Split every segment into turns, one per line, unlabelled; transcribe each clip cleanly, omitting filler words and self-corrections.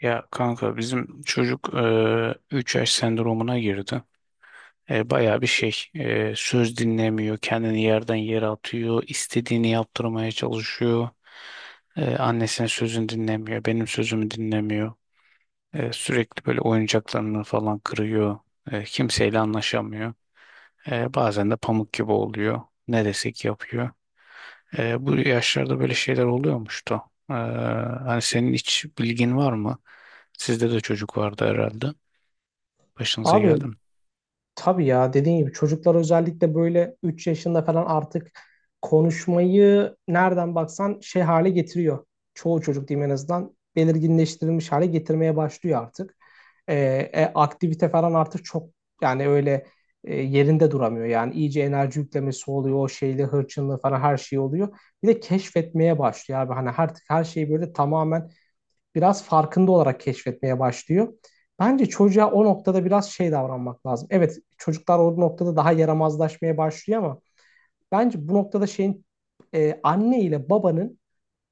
Ya kanka bizim çocuk 3 yaş sendromuna girdi. Bayağı bir şey söz dinlemiyor, kendini yerden yere atıyor, istediğini yaptırmaya çalışıyor. Annesinin sözünü dinlemiyor, benim sözümü dinlemiyor. Sürekli böyle oyuncaklarını falan kırıyor. Kimseyle anlaşamıyor. Bazen de pamuk gibi oluyor. Ne desek yapıyor. Bu yaşlarda böyle şeyler oluyormuştu. Hani senin hiç bilgin var mı? Sizde de çocuk vardı herhalde. Başınıza geldi
Abi,
mi?
tabii ya, dediğin gibi çocuklar özellikle böyle 3 yaşında falan artık konuşmayı nereden baksan şey hale getiriyor. Çoğu çocuk diyeyim, en azından belirginleştirilmiş hale getirmeye başlıyor artık. Ee, aktivite falan artık çok, yani öyle, yerinde duramıyor. Yani iyice enerji yüklemesi oluyor, o şeyle hırçınlığı falan her şey oluyor. Bir de keşfetmeye başlıyor abi. Hani artık her şeyi böyle tamamen biraz farkında olarak keşfetmeye başlıyor. Bence çocuğa o noktada biraz şey davranmak lazım. Evet, çocuklar o noktada daha yaramazlaşmaya başlıyor ama bence bu noktada şeyin, anne ile babanın,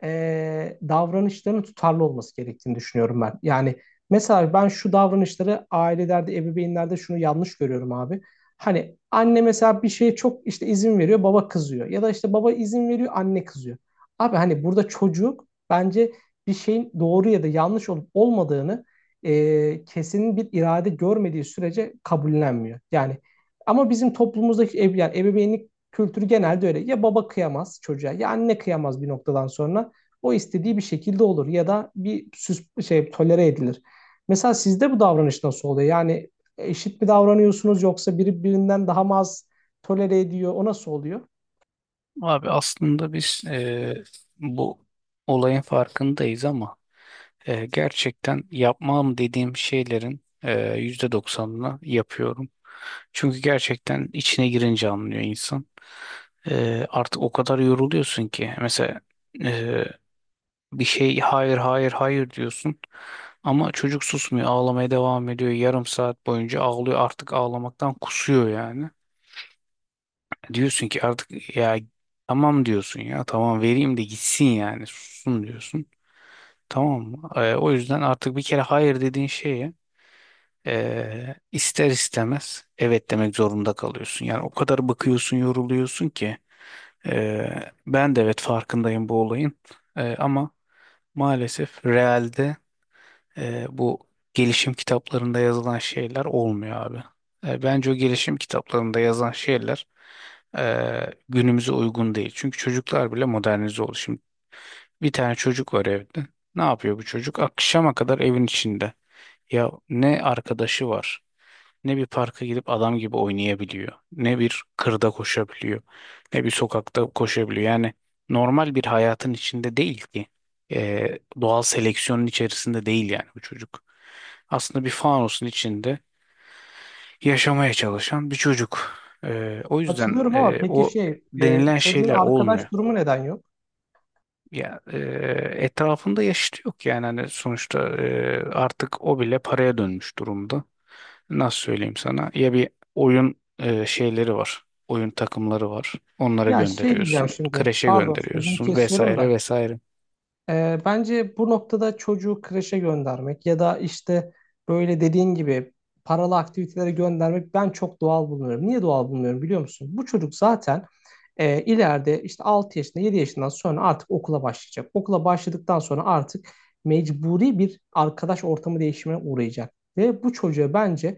davranışların tutarlı olması gerektiğini düşünüyorum ben. Yani mesela ben şu davranışları ailelerde, ebeveynlerde şunu yanlış görüyorum abi. Hani anne mesela bir şeye çok işte izin veriyor, baba kızıyor. Ya da işte baba izin veriyor, anne kızıyor. Abi hani burada çocuk, bence bir şeyin doğru ya da yanlış olup olmadığını, kesin bir irade görmediği sürece kabullenmiyor. Yani ama bizim toplumumuzdaki ev, yani ebeveynlik kültürü genelde öyle. Ya baba kıyamaz çocuğa ya anne kıyamaz, bir noktadan sonra o istediği bir şekilde olur ya da bir süs şey tolere edilir. Mesela sizde bu davranış nasıl oluyor? Yani eşit mi davranıyorsunuz, yoksa biri birinden daha mı az tolere ediyor? O nasıl oluyor?
Abi aslında biz bu olayın farkındayız ama gerçekten yapmam dediğim şeylerin %90'ını yapıyorum. Çünkü gerçekten içine girince anlıyor insan. Artık o kadar yoruluyorsun ki mesela eee, bir şey hayır hayır hayır diyorsun ama çocuk susmuyor, ağlamaya devam ediyor, 0,5 saat boyunca ağlıyor, artık ağlamaktan kusuyor yani. Diyorsun ki artık ya tamam diyorsun, ya tamam vereyim de gitsin yani sussun diyorsun. Tamam mı? O yüzden artık bir kere hayır dediğin şeye ister istemez evet demek zorunda kalıyorsun. Yani o kadar bakıyorsun, yoruluyorsun ki ben de evet farkındayım bu olayın. Ama maalesef realde bu gelişim kitaplarında yazılan şeyler olmuyor abi. Bence o gelişim kitaplarında yazan şeyler günümüze uygun değil. Çünkü çocuklar bile modernize oldu. Şimdi bir tane çocuk var evde. Ne yapıyor bu çocuk? Akşama kadar evin içinde. Ya ne arkadaşı var, ne bir parka gidip adam gibi oynayabiliyor, ne bir kırda koşabiliyor, ne bir sokakta koşabiliyor. Yani normal bir hayatın içinde değil ki. Doğal seleksiyonun içerisinde değil yani bu çocuk. Aslında bir fanusun içinde yaşamaya çalışan bir çocuk. O yüzden
Hatırlıyorum, ama peki
o
şey,
denilen
çocuğun
şeyler olmuyor.
arkadaş durumu neden yok?
Ya etrafında yaşıtı yok yani, hani sonuçta artık o bile paraya dönmüş durumda. Nasıl söyleyeyim sana? Ya bir oyun şeyleri var. Oyun takımları var. Onlara
Ya şey
gönderiyorsun.
diyeceğim şimdi,
Kreşe
pardon sözünü
gönderiyorsun
kesiyorum
vesaire
da,
vesaire.
bence bu noktada çocuğu kreşe göndermek ya da işte böyle dediğin gibi paralı aktivitelere göndermek, ben çok doğal bulmuyorum. Niye doğal bulmuyorum biliyor musun? Bu çocuk zaten, ileride işte 6 yaşında, 7 yaşından sonra artık okula başlayacak. Okula başladıktan sonra artık mecburi bir arkadaş ortamı değişimine uğrayacak. Ve bu çocuğa bence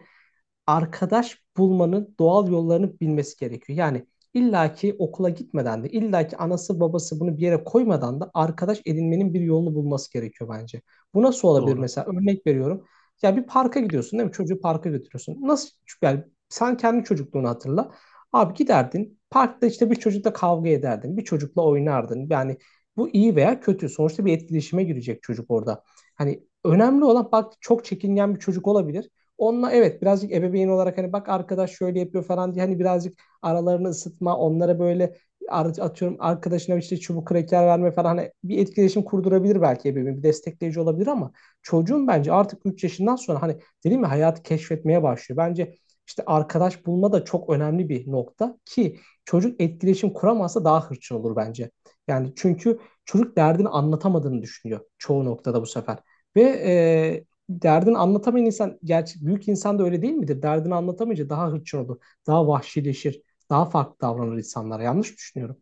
arkadaş bulmanın doğal yollarını bilmesi gerekiyor. Yani illaki okula gitmeden de, illaki anası babası bunu bir yere koymadan da arkadaş edinmenin bir yolunu bulması gerekiyor bence. Bu nasıl olabilir
Doğru.
mesela? Örnek veriyorum. Ya bir parka gidiyorsun değil mi? Çocuğu parka götürüyorsun. Nasıl? Yani sen kendi çocukluğunu hatırla. Abi, giderdin. Parkta işte bir çocukla kavga ederdin. Bir çocukla oynardın. Yani bu iyi veya kötü. Sonuçta bir etkileşime girecek çocuk orada. Hani önemli olan, bak, çok çekingen bir çocuk olabilir. Onunla evet birazcık ebeveyn olarak hani bak arkadaş şöyle yapıyor falan diye hani birazcık aralarını ısıtma, onlara böyle atıyorum arkadaşına işte çubuk kraker verme falan, hani bir etkileşim kurdurabilir belki ebeveyn, bir destekleyici olabilir ama çocuğun bence artık 3 yaşından sonra, hani dedim ya, hayatı keşfetmeye başlıyor. Bence işte arkadaş bulma da çok önemli bir nokta ki çocuk etkileşim kuramazsa daha hırçın olur bence. Yani çünkü çocuk derdini anlatamadığını düşünüyor çoğu noktada bu sefer. Ve derdini anlatamayan insan, gerçek büyük insan da öyle değil midir? Derdini anlatamayınca daha hırçın olur, daha vahşileşir, daha farklı davranır insanlara. Yanlış mı düşünüyorum?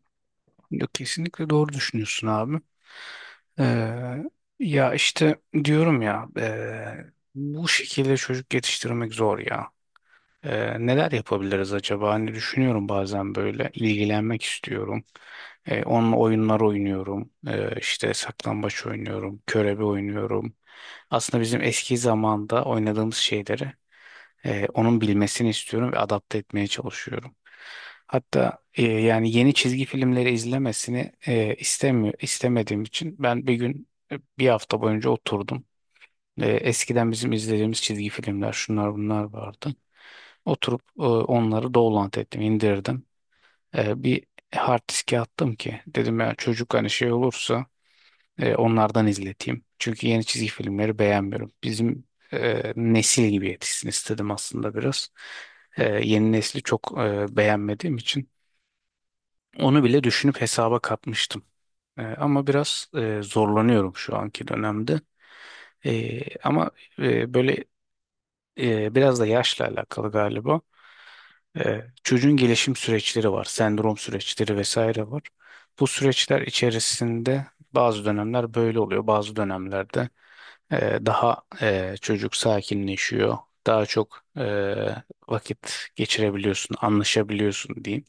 Yok, kesinlikle doğru düşünüyorsun abi. Ee, Ya işte diyorum ya bu şekilde çocuk yetiştirmek zor ya. Neler yapabiliriz acaba? Hani düşünüyorum bazen, böyle ilgilenmek istiyorum. Onunla oyunlar oynuyorum. İşte saklambaç oynuyorum, körebe oynuyorum. Aslında bizim eski zamanda oynadığımız şeyleri onun bilmesini istiyorum ve adapte etmeye çalışıyorum. Hatta yani yeni çizgi filmleri izlemesini istemiyor, istemediğim için ben bir gün bir hafta boyunca oturdum. Eskiden bizim izlediğimiz çizgi filmler şunlar bunlar vardı. Oturup onları download ettim, indirdim. Bir hard diske attım ki dedim ya çocuk hani şey olursa onlardan izleteyim. Çünkü yeni çizgi filmleri beğenmiyorum. Bizim nesil gibi yetişsin istedim aslında biraz. Yeni nesli çok beğenmediğim için onu bile düşünüp hesaba katmıştım. Ama biraz zorlanıyorum şu anki dönemde. E, ama e, böyle e, Biraz da yaşla alakalı galiba. Çocuğun gelişim süreçleri var, sendrom süreçleri vesaire var. Bu süreçler içerisinde bazı dönemler böyle oluyor, bazı dönemlerde çocuk sakinleşiyor, daha çok vakit geçirebiliyorsun, anlaşabiliyorsun diyeyim.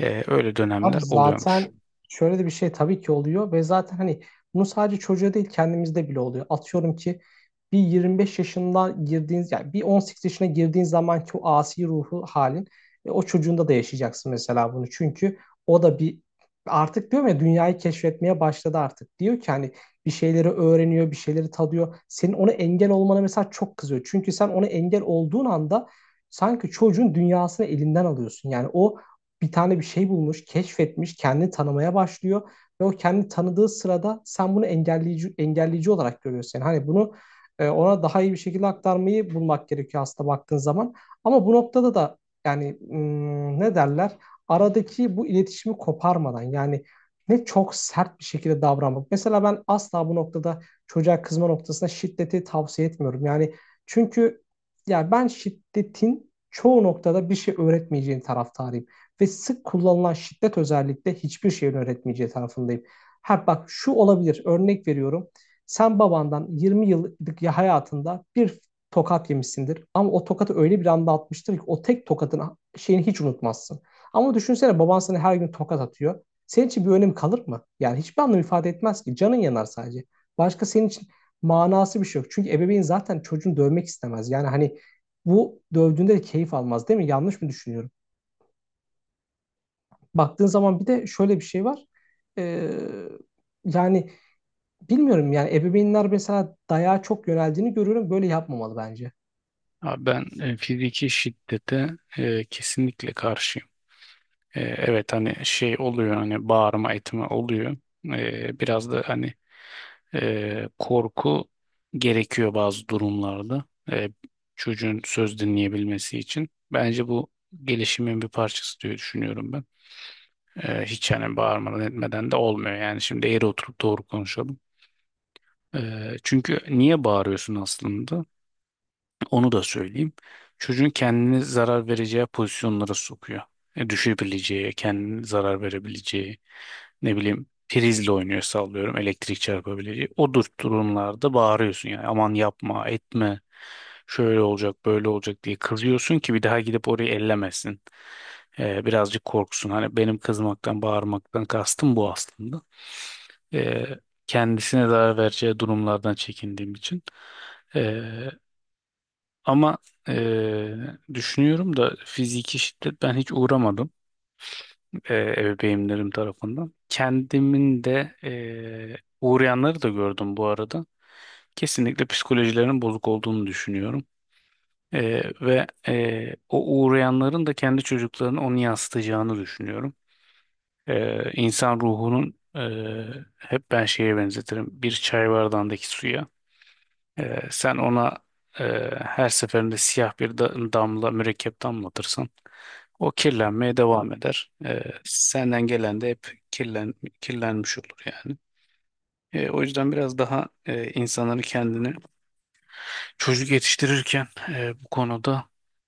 Öyle
Abi,
dönemler oluyormuş.
zaten şöyle de bir şey tabii ki oluyor ve zaten hani bunu sadece çocuğa değil kendimizde bile oluyor. Atıyorum ki bir 25 yaşında girdiğiniz, yani bir 18 yaşına girdiğin zamanki o asi ruhu halin, o çocuğunda da yaşayacaksın mesela bunu. Çünkü o da bir, artık diyorum ya, dünyayı keşfetmeye başladı artık. Diyor ki hani bir şeyleri öğreniyor, bir şeyleri tadıyor. Senin ona engel olmana mesela çok kızıyor. Çünkü sen ona engel olduğun anda sanki çocuğun dünyasını elinden alıyorsun. Yani o bir tane bir şey bulmuş, keşfetmiş, kendini tanımaya başlıyor ve o kendini tanıdığı sırada sen bunu engelleyici olarak görüyorsun. Yani hani bunu, ona daha iyi bir şekilde aktarmayı bulmak gerekiyor aslında baktığın zaman. Ama bu noktada da yani hmm, ne derler? Aradaki bu iletişimi koparmadan, yani ne çok sert bir şekilde davranmak. Mesela ben asla bu noktada çocuğa kızma noktasında şiddeti tavsiye etmiyorum. Yani çünkü ya, ben şiddetin çoğu noktada bir şey öğretmeyeceğin taraftarıyım. Ve sık kullanılan şiddet özellikle hiçbir şeyin öğretmeyeceği tarafındayım. Ha bak, şu olabilir, örnek veriyorum. Sen babandan 20 yıllık hayatında bir tokat yemişsindir. Ama o tokatı öyle bir anda atmıştır ki o tek tokatın şeyini hiç unutmazsın. Ama düşünsene baban sana her gün tokat atıyor. Senin için bir önemi kalır mı? Yani hiçbir anlam ifade etmez ki. Canın yanar sadece. Başka senin için manası bir şey yok. Çünkü ebeveyn zaten çocuğunu dövmek istemez. Yani hani bu, dövdüğünde de keyif almaz değil mi? Yanlış mı düşünüyorum? Baktığın zaman bir de şöyle bir şey var. Ee, yani bilmiyorum, yani ebeveynler mesela dayağa çok yöneldiğini görüyorum. Böyle yapmamalı bence.
Abi ben fiziki şiddete kesinlikle karşıyım. Evet hani şey oluyor, hani bağırma etme oluyor. Biraz da hani korku gerekiyor bazı durumlarda e, çocuğun söz dinleyebilmesi için. Bence bu gelişimin bir parçası diye düşünüyorum ben. Hiç yani bağırmadan etmeden de olmuyor. Yani şimdi eğri oturup doğru konuşalım. E, Çünkü niye bağırıyorsun aslında? Onu da söyleyeyim. Çocuğun kendini zarar vereceği pozisyonlara sokuyor. Düşebileceği, kendini zarar verebileceği, ne bileyim prizle oynuyor sallıyorum, elektrik çarpabileceği. O durumlarda bağırıyorsun yani, aman yapma, etme, şöyle olacak, böyle olacak diye kızıyorsun ki bir daha gidip orayı ellemesin. Birazcık korksun. Hani benim kızmaktan, bağırmaktan kastım bu aslında. E, Kendisine zarar vereceği durumlardan çekindiğim için. E, ama düşünüyorum da fiziki şiddet ben hiç uğramadım ebeveynlerim tarafından. Kendimin de uğrayanları da gördüm bu arada. Kesinlikle psikolojilerinin bozuk olduğunu düşünüyorum. Ve o uğrayanların da kendi çocuklarını onu yansıtacağını düşünüyorum. İnsan ruhunun hep ben şeye benzetirim, bir çay bardağındaki suya. Sen ona e, her seferinde siyah bir damla, mürekkep damlatırsan o kirlenmeye devam eder. Senden gelen de hep kirlenmiş olur yani. O yüzden biraz daha insanları kendini çocuk yetiştirirken bu konuda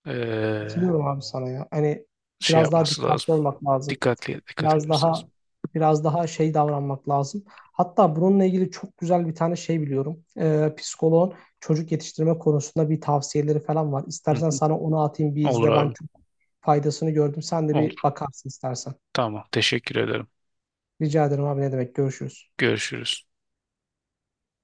e,
Katılıyorum abi sana ya. Hani
şey
biraz daha
yapması lazım.
dikkatli olmak lazım.
Dikkatli, dikkat
Biraz
etmesi
daha
lazım.
biraz daha şey davranmak lazım. Hatta bununla ilgili çok güzel bir tane şey biliyorum. Psikoloğun çocuk yetiştirme konusunda bir tavsiyeleri falan var.
Hı
İstersen
hı.
sana onu atayım, bir
Olur
izle. Ben
abi,
çok faydasını gördüm. Sen de
olur.
bir bakarsın istersen.
Tamam, teşekkür ederim.
Rica ederim abi, ne demek. Görüşürüz.
Görüşürüz.